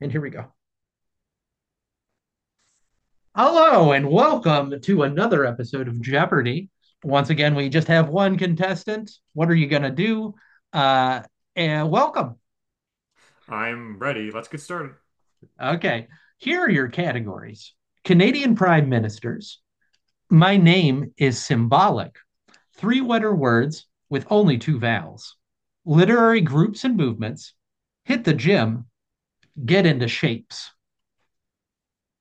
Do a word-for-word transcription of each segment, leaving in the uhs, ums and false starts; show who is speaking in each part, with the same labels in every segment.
Speaker 1: And here we go. Hello and welcome to another episode of Jeopardy. Once again, we just have one contestant. What are you going to do? Uh, and welcome.
Speaker 2: I'm ready. Let's get started.
Speaker 1: Okay. Here are your categories Canadian Prime Ministers. My name is symbolic. Three letter words with only two vowels. Literary groups and movements. Hit the gym. Get into shapes.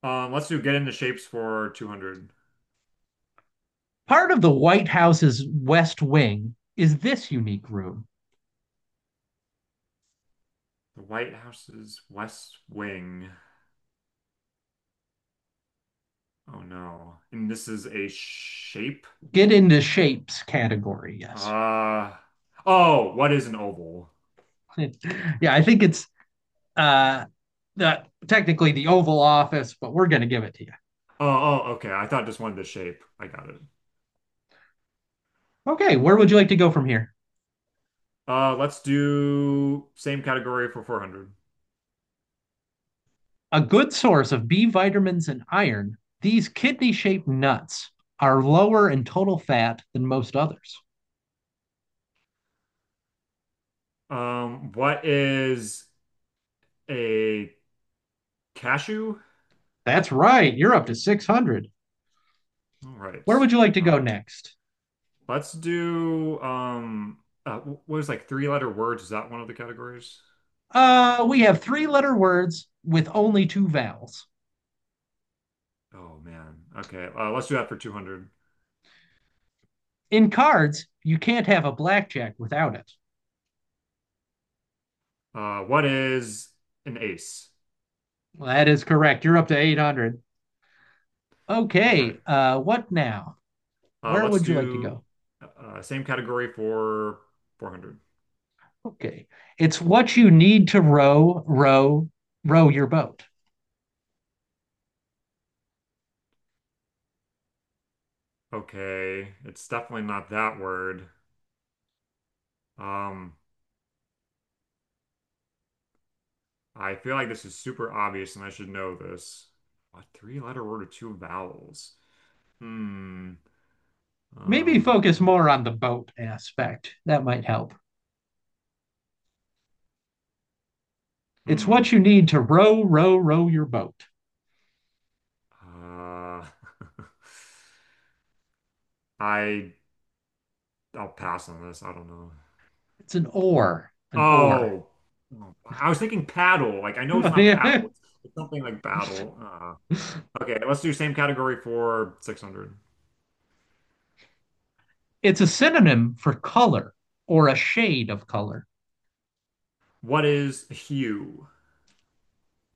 Speaker 2: Um, let's do get into shapes for two hundred.
Speaker 1: Part of the White House's West Wing is this unique room.
Speaker 2: The White House's West Wing. Oh no. And this is a shape?
Speaker 1: Get into shapes category. Yes.
Speaker 2: Uh, oh, what is an oval?
Speaker 1: Yeah, I think it's uh, the, technically the Oval Office, but we're going to give it to you.
Speaker 2: Oh, oh, okay. I thought just wanted the shape. I got it.
Speaker 1: Okay, where would you like to go from here?
Speaker 2: Uh, let's do same category for four hundred.
Speaker 1: A good source of B vitamins and iron, these kidney shaped nuts are lower in total fat than most others.
Speaker 2: Um, what is a cashew?
Speaker 1: That's right. You're up to six hundred.
Speaker 2: All right.
Speaker 1: Where would you like to
Speaker 2: Uh,
Speaker 1: go next?
Speaker 2: let's do um uh, what is like three letter words? Is that one of the categories?
Speaker 1: Uh, we have three letter words with only two vowels.
Speaker 2: Oh man. Okay. Uh, let's do that for two hundred.
Speaker 1: In cards, you can't have a blackjack without it.
Speaker 2: Uh, what is an ace?
Speaker 1: Well, that is correct. You're up to eight hundred.
Speaker 2: All right.
Speaker 1: Okay. Uh, what now?
Speaker 2: Uh,
Speaker 1: Where
Speaker 2: let's
Speaker 1: would you like to
Speaker 2: do
Speaker 1: go?
Speaker 2: uh, Same category for four hundred.
Speaker 1: Okay. It's what you need to row, row, row your boat.
Speaker 2: Okay. It's definitely not that word. Um, I feel like this is super obvious and I should know this. A three letter word with two vowels. Hmm.
Speaker 1: Maybe
Speaker 2: Um,
Speaker 1: focus more on the boat aspect. That might help. It's what
Speaker 2: hmm.
Speaker 1: you need to row, row, row your boat.
Speaker 2: Uh, I I'll pass on this. I don't know.
Speaker 1: It's an oar, an oar.
Speaker 2: Oh, oh, I was thinking paddle. Like I know it's not paddle.
Speaker 1: It's
Speaker 2: It's, it's something like battle. Uh, okay, let's do same category for six hundred.
Speaker 1: a synonym for color or a shade of color.
Speaker 2: What is hue?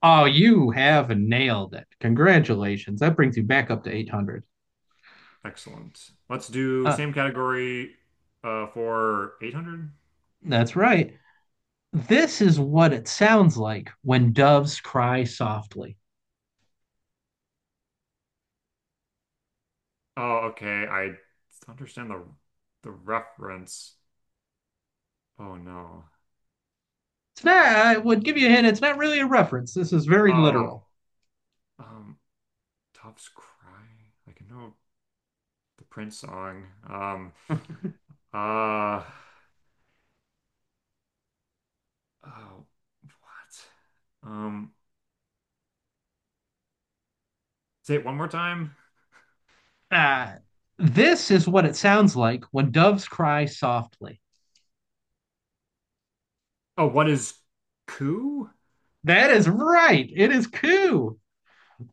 Speaker 1: Oh, you have nailed it. Congratulations. That brings you back up to eight hundred.
Speaker 2: Excellent. Let's do
Speaker 1: Uh,
Speaker 2: same category uh, for eight hundred.
Speaker 1: that's right. This is what it sounds like when doves cry softly.
Speaker 2: Oh, okay. I understand the the reference. Oh no.
Speaker 1: It's not, I would give you a hint, it's not really a reference. This is very
Speaker 2: Oh,
Speaker 1: literal.
Speaker 2: um, Doves Cry. I can know the Prince song. Um, uh, oh, what? Um. Say it one more time.
Speaker 1: uh, this is what it sounds like when doves cry softly.
Speaker 2: Oh, what is coup?
Speaker 1: That is right. It is coo.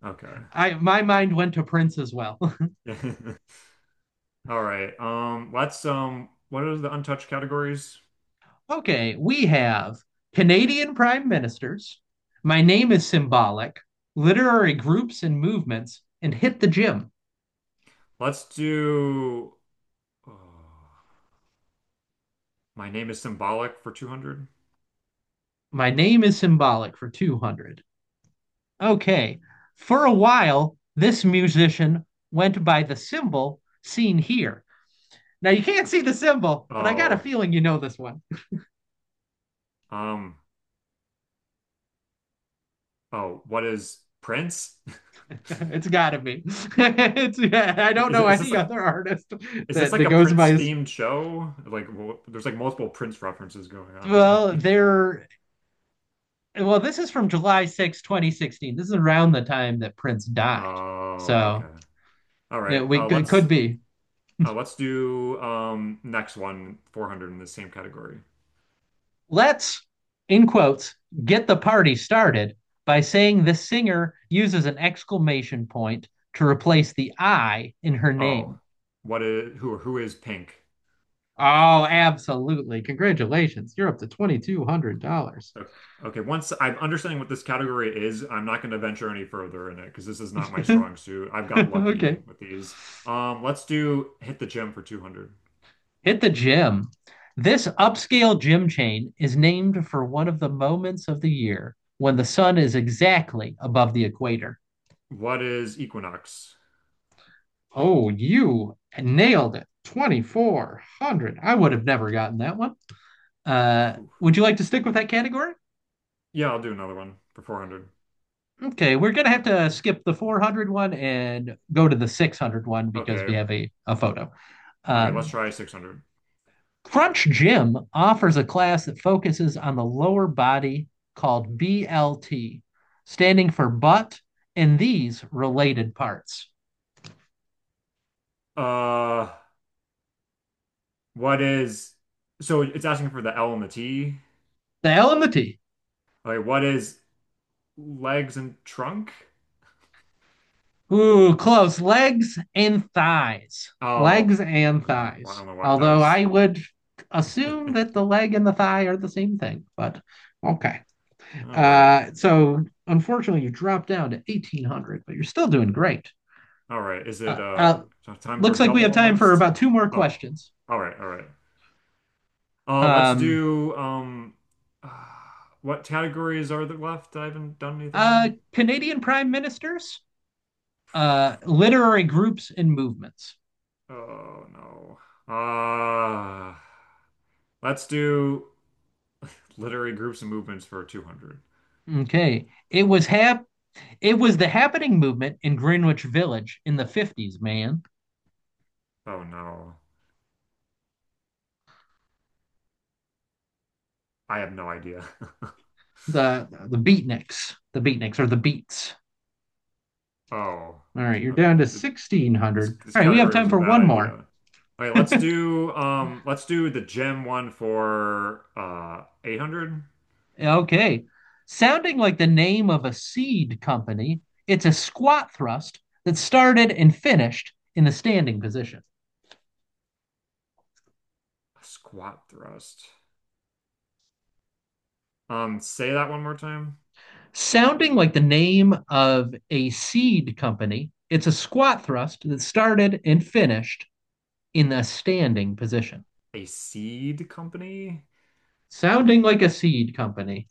Speaker 2: Okay.
Speaker 1: I My mind went to Prince as well.
Speaker 2: All right. Um, let's um what are the untouched categories?
Speaker 1: Okay, we have Canadian prime ministers. My name is symbolic. Literary groups and movements, and hit the gym.
Speaker 2: Let's do oh, my name is symbolic for two hundred.
Speaker 1: My name is symbolic for two hundred. Okay. For a while, this musician went by the symbol seen here. Now you can't see the symbol, but I got a
Speaker 2: Oh,
Speaker 1: feeling you know this one.
Speaker 2: um oh, what is Prince?
Speaker 1: It's got to be. It's, I don't
Speaker 2: Is
Speaker 1: know
Speaker 2: it? Is this
Speaker 1: any
Speaker 2: like
Speaker 1: other artist
Speaker 2: is this
Speaker 1: that,
Speaker 2: like
Speaker 1: that
Speaker 2: a
Speaker 1: goes by
Speaker 2: Prince
Speaker 1: his.
Speaker 2: themed show? Like wh- there's like multiple Prince references going on here.
Speaker 1: Well, there. Well, this is from July sixth, twenty sixteen. This is around the time that Prince died.
Speaker 2: Oh,
Speaker 1: So
Speaker 2: okay. All right.
Speaker 1: it, we
Speaker 2: Uh,
Speaker 1: it
Speaker 2: let's
Speaker 1: could be.
Speaker 2: Uh, let's do um next one, four hundred in the same category.
Speaker 1: Let's, in quotes, get the party started by saying the singer uses an exclamation point to replace the I in her
Speaker 2: Oh,
Speaker 1: name.
Speaker 2: what is who who is pink?
Speaker 1: Oh, absolutely. Congratulations. You're up to twenty-two hundred dollars.
Speaker 2: Okay, okay, once I'm understanding what this category is, I'm not going to venture any further in it because this is not my strong suit. I've got lucky
Speaker 1: Okay.
Speaker 2: with these. Um, let's do hit the gym for two hundred.
Speaker 1: Hit the gym. This upscale gym chain is named for one of the moments of the year when the sun is exactly above the equator.
Speaker 2: What is Equinox?
Speaker 1: Oh, you nailed it. twenty-four hundred. I would have never gotten that one. Uh,
Speaker 2: Phew.
Speaker 1: would you like to stick with that category?
Speaker 2: Yeah, I'll do another one for four hundred.
Speaker 1: Okay, we're gonna have to skip the four hundred one and go to the six hundred one because we
Speaker 2: Okay.
Speaker 1: have a, a photo.
Speaker 2: Okay, let's
Speaker 1: Um,
Speaker 2: try six hundred.
Speaker 1: Crunch Gym offers a class that focuses on the lower body called B L T, standing for butt and these related parts.
Speaker 2: Uh, what is So it's asking for the L and the T.
Speaker 1: The L and the T.
Speaker 2: Okay, what is legs and trunk?
Speaker 1: Ooh, close. Legs and thighs.
Speaker 2: Oh,
Speaker 1: Legs and
Speaker 2: okay. Well, I
Speaker 1: thighs.
Speaker 2: don't know why that
Speaker 1: Although
Speaker 2: was.
Speaker 1: I would assume that the leg and the thigh are the same thing, but okay.
Speaker 2: All right.
Speaker 1: Uh, so unfortunately, you dropped down to eighteen hundred, but you're still doing great.
Speaker 2: All right. Is it
Speaker 1: Uh,
Speaker 2: uh
Speaker 1: uh,
Speaker 2: time for
Speaker 1: looks like we
Speaker 2: double
Speaker 1: have time for
Speaker 2: almost?
Speaker 1: about two more
Speaker 2: Oh.
Speaker 1: questions.
Speaker 2: All right. All right. Uh, let's
Speaker 1: Um,
Speaker 2: do um uh, what categories are there left? I haven't done anything
Speaker 1: uh,
Speaker 2: in.
Speaker 1: Canadian prime ministers, uh, literary groups and movements.
Speaker 2: Oh no. Uh, let's do literary groups and movements for two hundred.
Speaker 1: Okay. It was half. It was the happening movement in Greenwich Village in the fifties, man.
Speaker 2: Oh no. I have no idea.
Speaker 1: The the beatniks, the beatniks or the beats.
Speaker 2: Oh.
Speaker 1: All right, you're down
Speaker 2: Okay.
Speaker 1: to
Speaker 2: The This
Speaker 1: sixteen hundred.
Speaker 2: this
Speaker 1: All right, we have
Speaker 2: category was
Speaker 1: time
Speaker 2: a
Speaker 1: for
Speaker 2: bad
Speaker 1: one more.
Speaker 2: idea. Okay, right, let's do um let's do the gem one for uh eight hundred
Speaker 1: Okay. Sounding like the name of a seed company, it's a squat thrust that started and finished in the standing position.
Speaker 2: squat thrust. Um say that one more time.
Speaker 1: Sounding like the name of a seed company, it's a squat thrust that started and finished in the standing position.
Speaker 2: A seed company?
Speaker 1: Sounding like a seed company.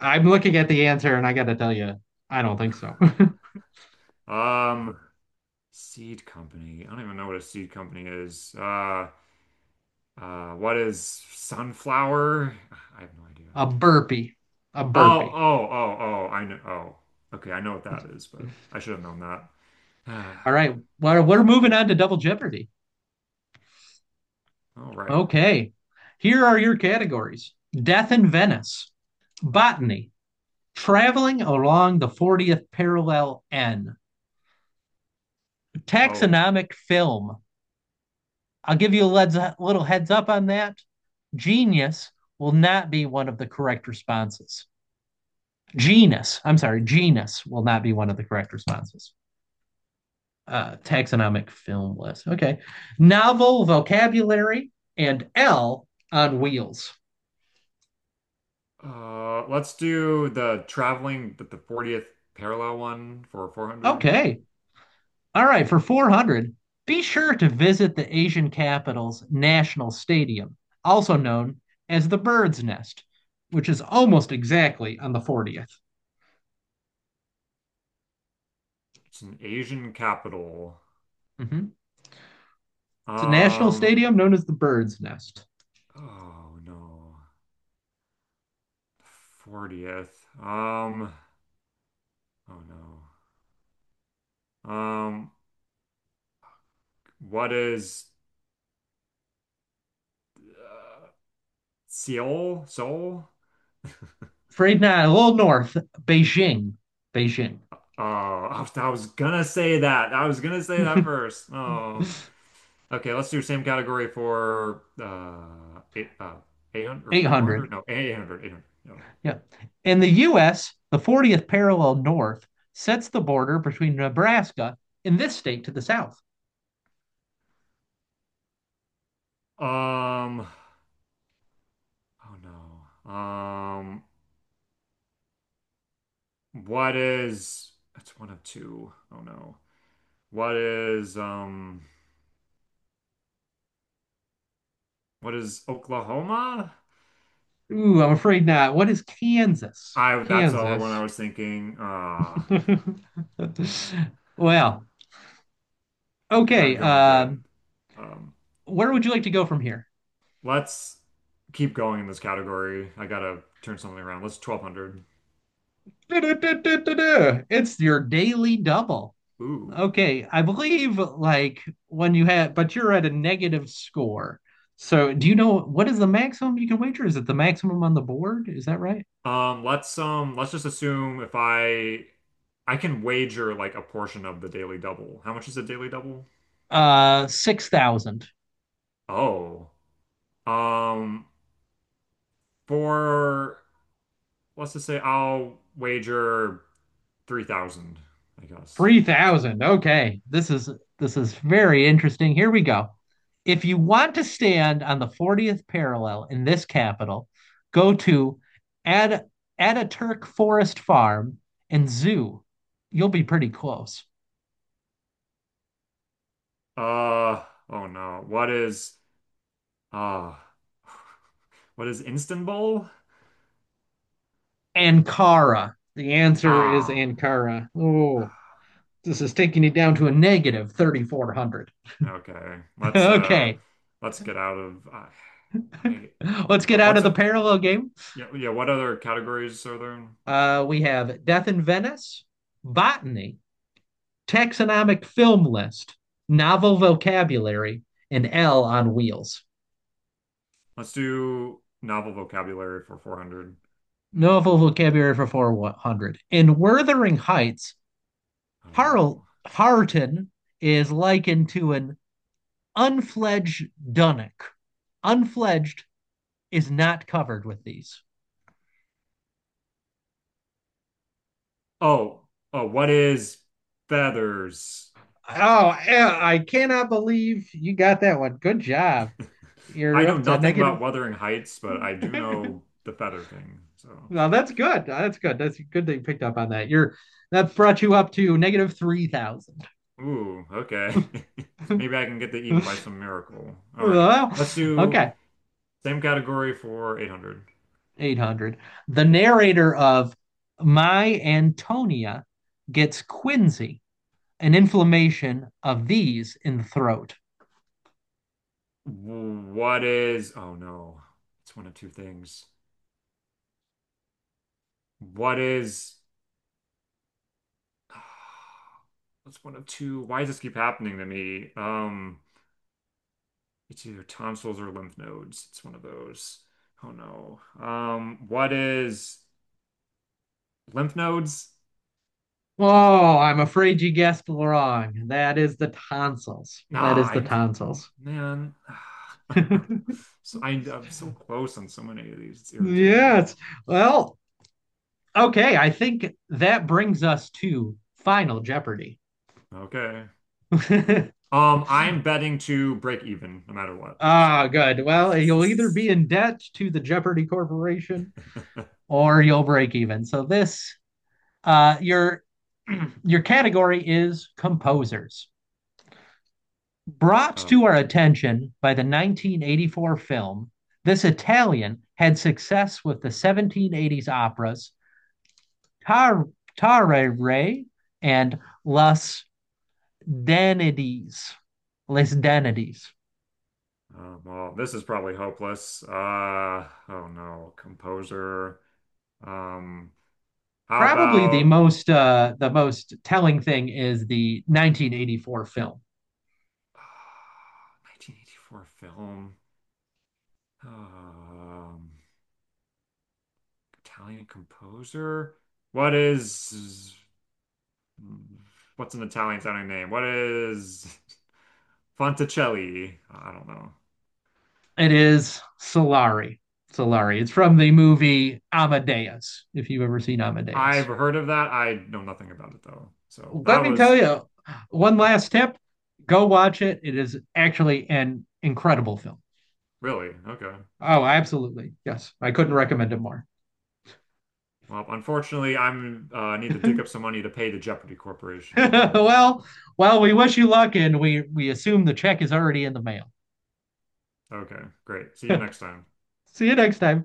Speaker 1: I'm looking at the answer and I got to tell you, I don't think so.
Speaker 2: Um Seed company. I don't even know what a seed company is. Uh uh what is sunflower? I have no idea.
Speaker 1: A burpee. A
Speaker 2: Oh,
Speaker 1: burpee.
Speaker 2: oh, oh, oh, I know. Oh. Okay, I know what that is, but I should have known that.
Speaker 1: All right. Well, we're moving on to Double Jeopardy.
Speaker 2: All right.
Speaker 1: Okay. Here are your categories Death in Venice, Botany, Traveling Along the fortieth Parallel N,
Speaker 2: Oh,
Speaker 1: Taxonomic Film. I'll give you a little heads up on that. Genius will not be one of the correct responses. Genus, I'm sorry, genus will not be one of the correct responses. Uh, taxonomic film list. Okay. Novel vocabulary and L on wheels.
Speaker 2: Uh, let's do the traveling the, the fortieth parallel one for four hundred.
Speaker 1: Okay. All right. For four hundred, be sure to visit the Asian capital's National Stadium, also known as the Bird's Nest, which is almost exactly on the fortieth.
Speaker 2: It's an Asian capital.
Speaker 1: Mhm. It's a national
Speaker 2: Um,
Speaker 1: stadium known as the Bird's Nest.
Speaker 2: oh no. fortieth. Um, oh no. Um, what is uh, Seoul? Seoul?
Speaker 1: Afraid not. A little north, Beijing. Beijing.
Speaker 2: Oh, I was I was gonna say that. I was gonna say that first. Oh. Okay, let's do same category for uh eight uh eight hundred or
Speaker 1: eight hundred.
Speaker 2: four hundred? No, eight hundred.
Speaker 1: Yeah. In the U S, the fortieth parallel north sets the border between Nebraska and this state to the south.
Speaker 2: Um, oh no. Um, what is, that's one of two. Oh no. What is, um, what is Oklahoma?
Speaker 1: Ooh, I'm afraid not. What is Kansas?
Speaker 2: I, that's the other one
Speaker 1: Kansas.
Speaker 2: I was thinking. Uh,
Speaker 1: Well, okay.
Speaker 2: not going good.
Speaker 1: Um,
Speaker 2: Um,
Speaker 1: where would you like to go from here?
Speaker 2: let's keep going in this category. I gotta turn something around. Let's twelve hundred.
Speaker 1: It's your daily double.
Speaker 2: Ooh.
Speaker 1: Okay, I believe like when you had, but you're at a negative score. So, do you know what is the maximum you can wager? Is it the maximum on the board? Is that right?
Speaker 2: Um, let's, um, let's just assume if I, I can wager like a portion of the daily double. How much is a daily double?
Speaker 1: Uh, six thousand.
Speaker 2: Oh. Um, For let's just say I'll wager three thousand, I guess.
Speaker 1: Three thousand. Okay. This is this is very interesting. Here we go. If you want to stand on the fortieth parallel in this capital, go to Ad Ataturk Forest Farm and Zoo. You'll be pretty close.
Speaker 2: Uh, oh no. What is uh what is Istanbul?
Speaker 1: Ankara. The answer is
Speaker 2: Ah.
Speaker 1: Ankara. Oh, this is taking you down to a negative thirty-four hundred.
Speaker 2: Okay. Let's uh
Speaker 1: Okay.
Speaker 2: let's get out of I I
Speaker 1: Let's get
Speaker 2: No,
Speaker 1: out of
Speaker 2: let's
Speaker 1: the
Speaker 2: uh,
Speaker 1: parallel game.
Speaker 2: yeah, yeah, what other categories are there?
Speaker 1: Uh, we have Death in Venice, Botany, Taxonomic Film List, Novel Vocabulary, and L on Wheels.
Speaker 2: Let's do novel vocabulary for four hundred.
Speaker 1: Novel Vocabulary for four hundred. In Wuthering Heights,
Speaker 2: Oh
Speaker 1: Harl-
Speaker 2: no.
Speaker 1: Harton is likened to an unfledged dunnock. Unfledged is not covered with these.
Speaker 2: Oh, oh, what is feathers?
Speaker 1: Oh, yeah, I cannot believe you got that one. Good job.
Speaker 2: I
Speaker 1: You're
Speaker 2: know
Speaker 1: up to
Speaker 2: nothing
Speaker 1: negative.
Speaker 2: about Wuthering Heights, but I do know the feather thing. So,
Speaker 1: Well, that's good. That's good. That's good that you picked up on that. You're That brought you up to negative three thousand.
Speaker 2: ooh, okay. Maybe I can get that even by some miracle. All right.
Speaker 1: Well,
Speaker 2: Let's do
Speaker 1: okay,
Speaker 2: same category for eight hundred.
Speaker 1: eight hundred. The narrator of My Antonia gets quinsy, an inflammation of these in the throat.
Speaker 2: What is, oh no, it's one of two things. What is, That's one of two. Why does this keep happening to me? Um, it's either tonsils or lymph nodes. It's one of those. Oh no. Um, what is lymph nodes?
Speaker 1: Oh, I'm afraid you guessed wrong. That is the tonsils. That
Speaker 2: Nah,
Speaker 1: is
Speaker 2: I
Speaker 1: the
Speaker 2: d-
Speaker 1: tonsils.
Speaker 2: man. So I, I'm so close on so many of these. It's irritating.
Speaker 1: Yes. Well, okay, I think that brings us to Final Jeopardy.
Speaker 2: Okay. Um, I'm betting to break even no matter what.
Speaker 1: Ah,
Speaker 2: So.
Speaker 1: good. Well, you'll either be in debt to the Jeopardy Corporation or you'll break even. So this uh your your category is composers. Brought
Speaker 2: Oh,
Speaker 1: to our attention by the nineteen eighty-four film, this Italian had success with the seventeen eighties operas Tar- Tare and Las danities, les danities.
Speaker 2: um, well, this is probably hopeless. Uh, oh no, composer. Um, how
Speaker 1: Probably the
Speaker 2: about
Speaker 1: most uh, the most telling thing is the nineteen eighty-four film.
Speaker 2: uh, nineteen eighty-four film? Um, Italian composer. What is? Mm. What's an Italian sounding name? What is Fonticelli? I don't know.
Speaker 1: It is Solari. Solari. It's from the movie Amadeus. If you've ever seen
Speaker 2: I've
Speaker 1: Amadeus,
Speaker 2: heard of that. I know nothing about it though. So that
Speaker 1: let me tell
Speaker 2: was
Speaker 1: you one last tip: go watch it. It is actually an incredible film.
Speaker 2: really okay.
Speaker 1: Oh, absolutely. Yes. I couldn't recommend it more.
Speaker 2: Well, unfortunately, I'm uh, need to dig up some money to pay the Jeopardy Corporation now.
Speaker 1: Well, well, we wish you luck and we we assume the check is already in the mail.
Speaker 2: Okay, great. See you next time.
Speaker 1: See you next time.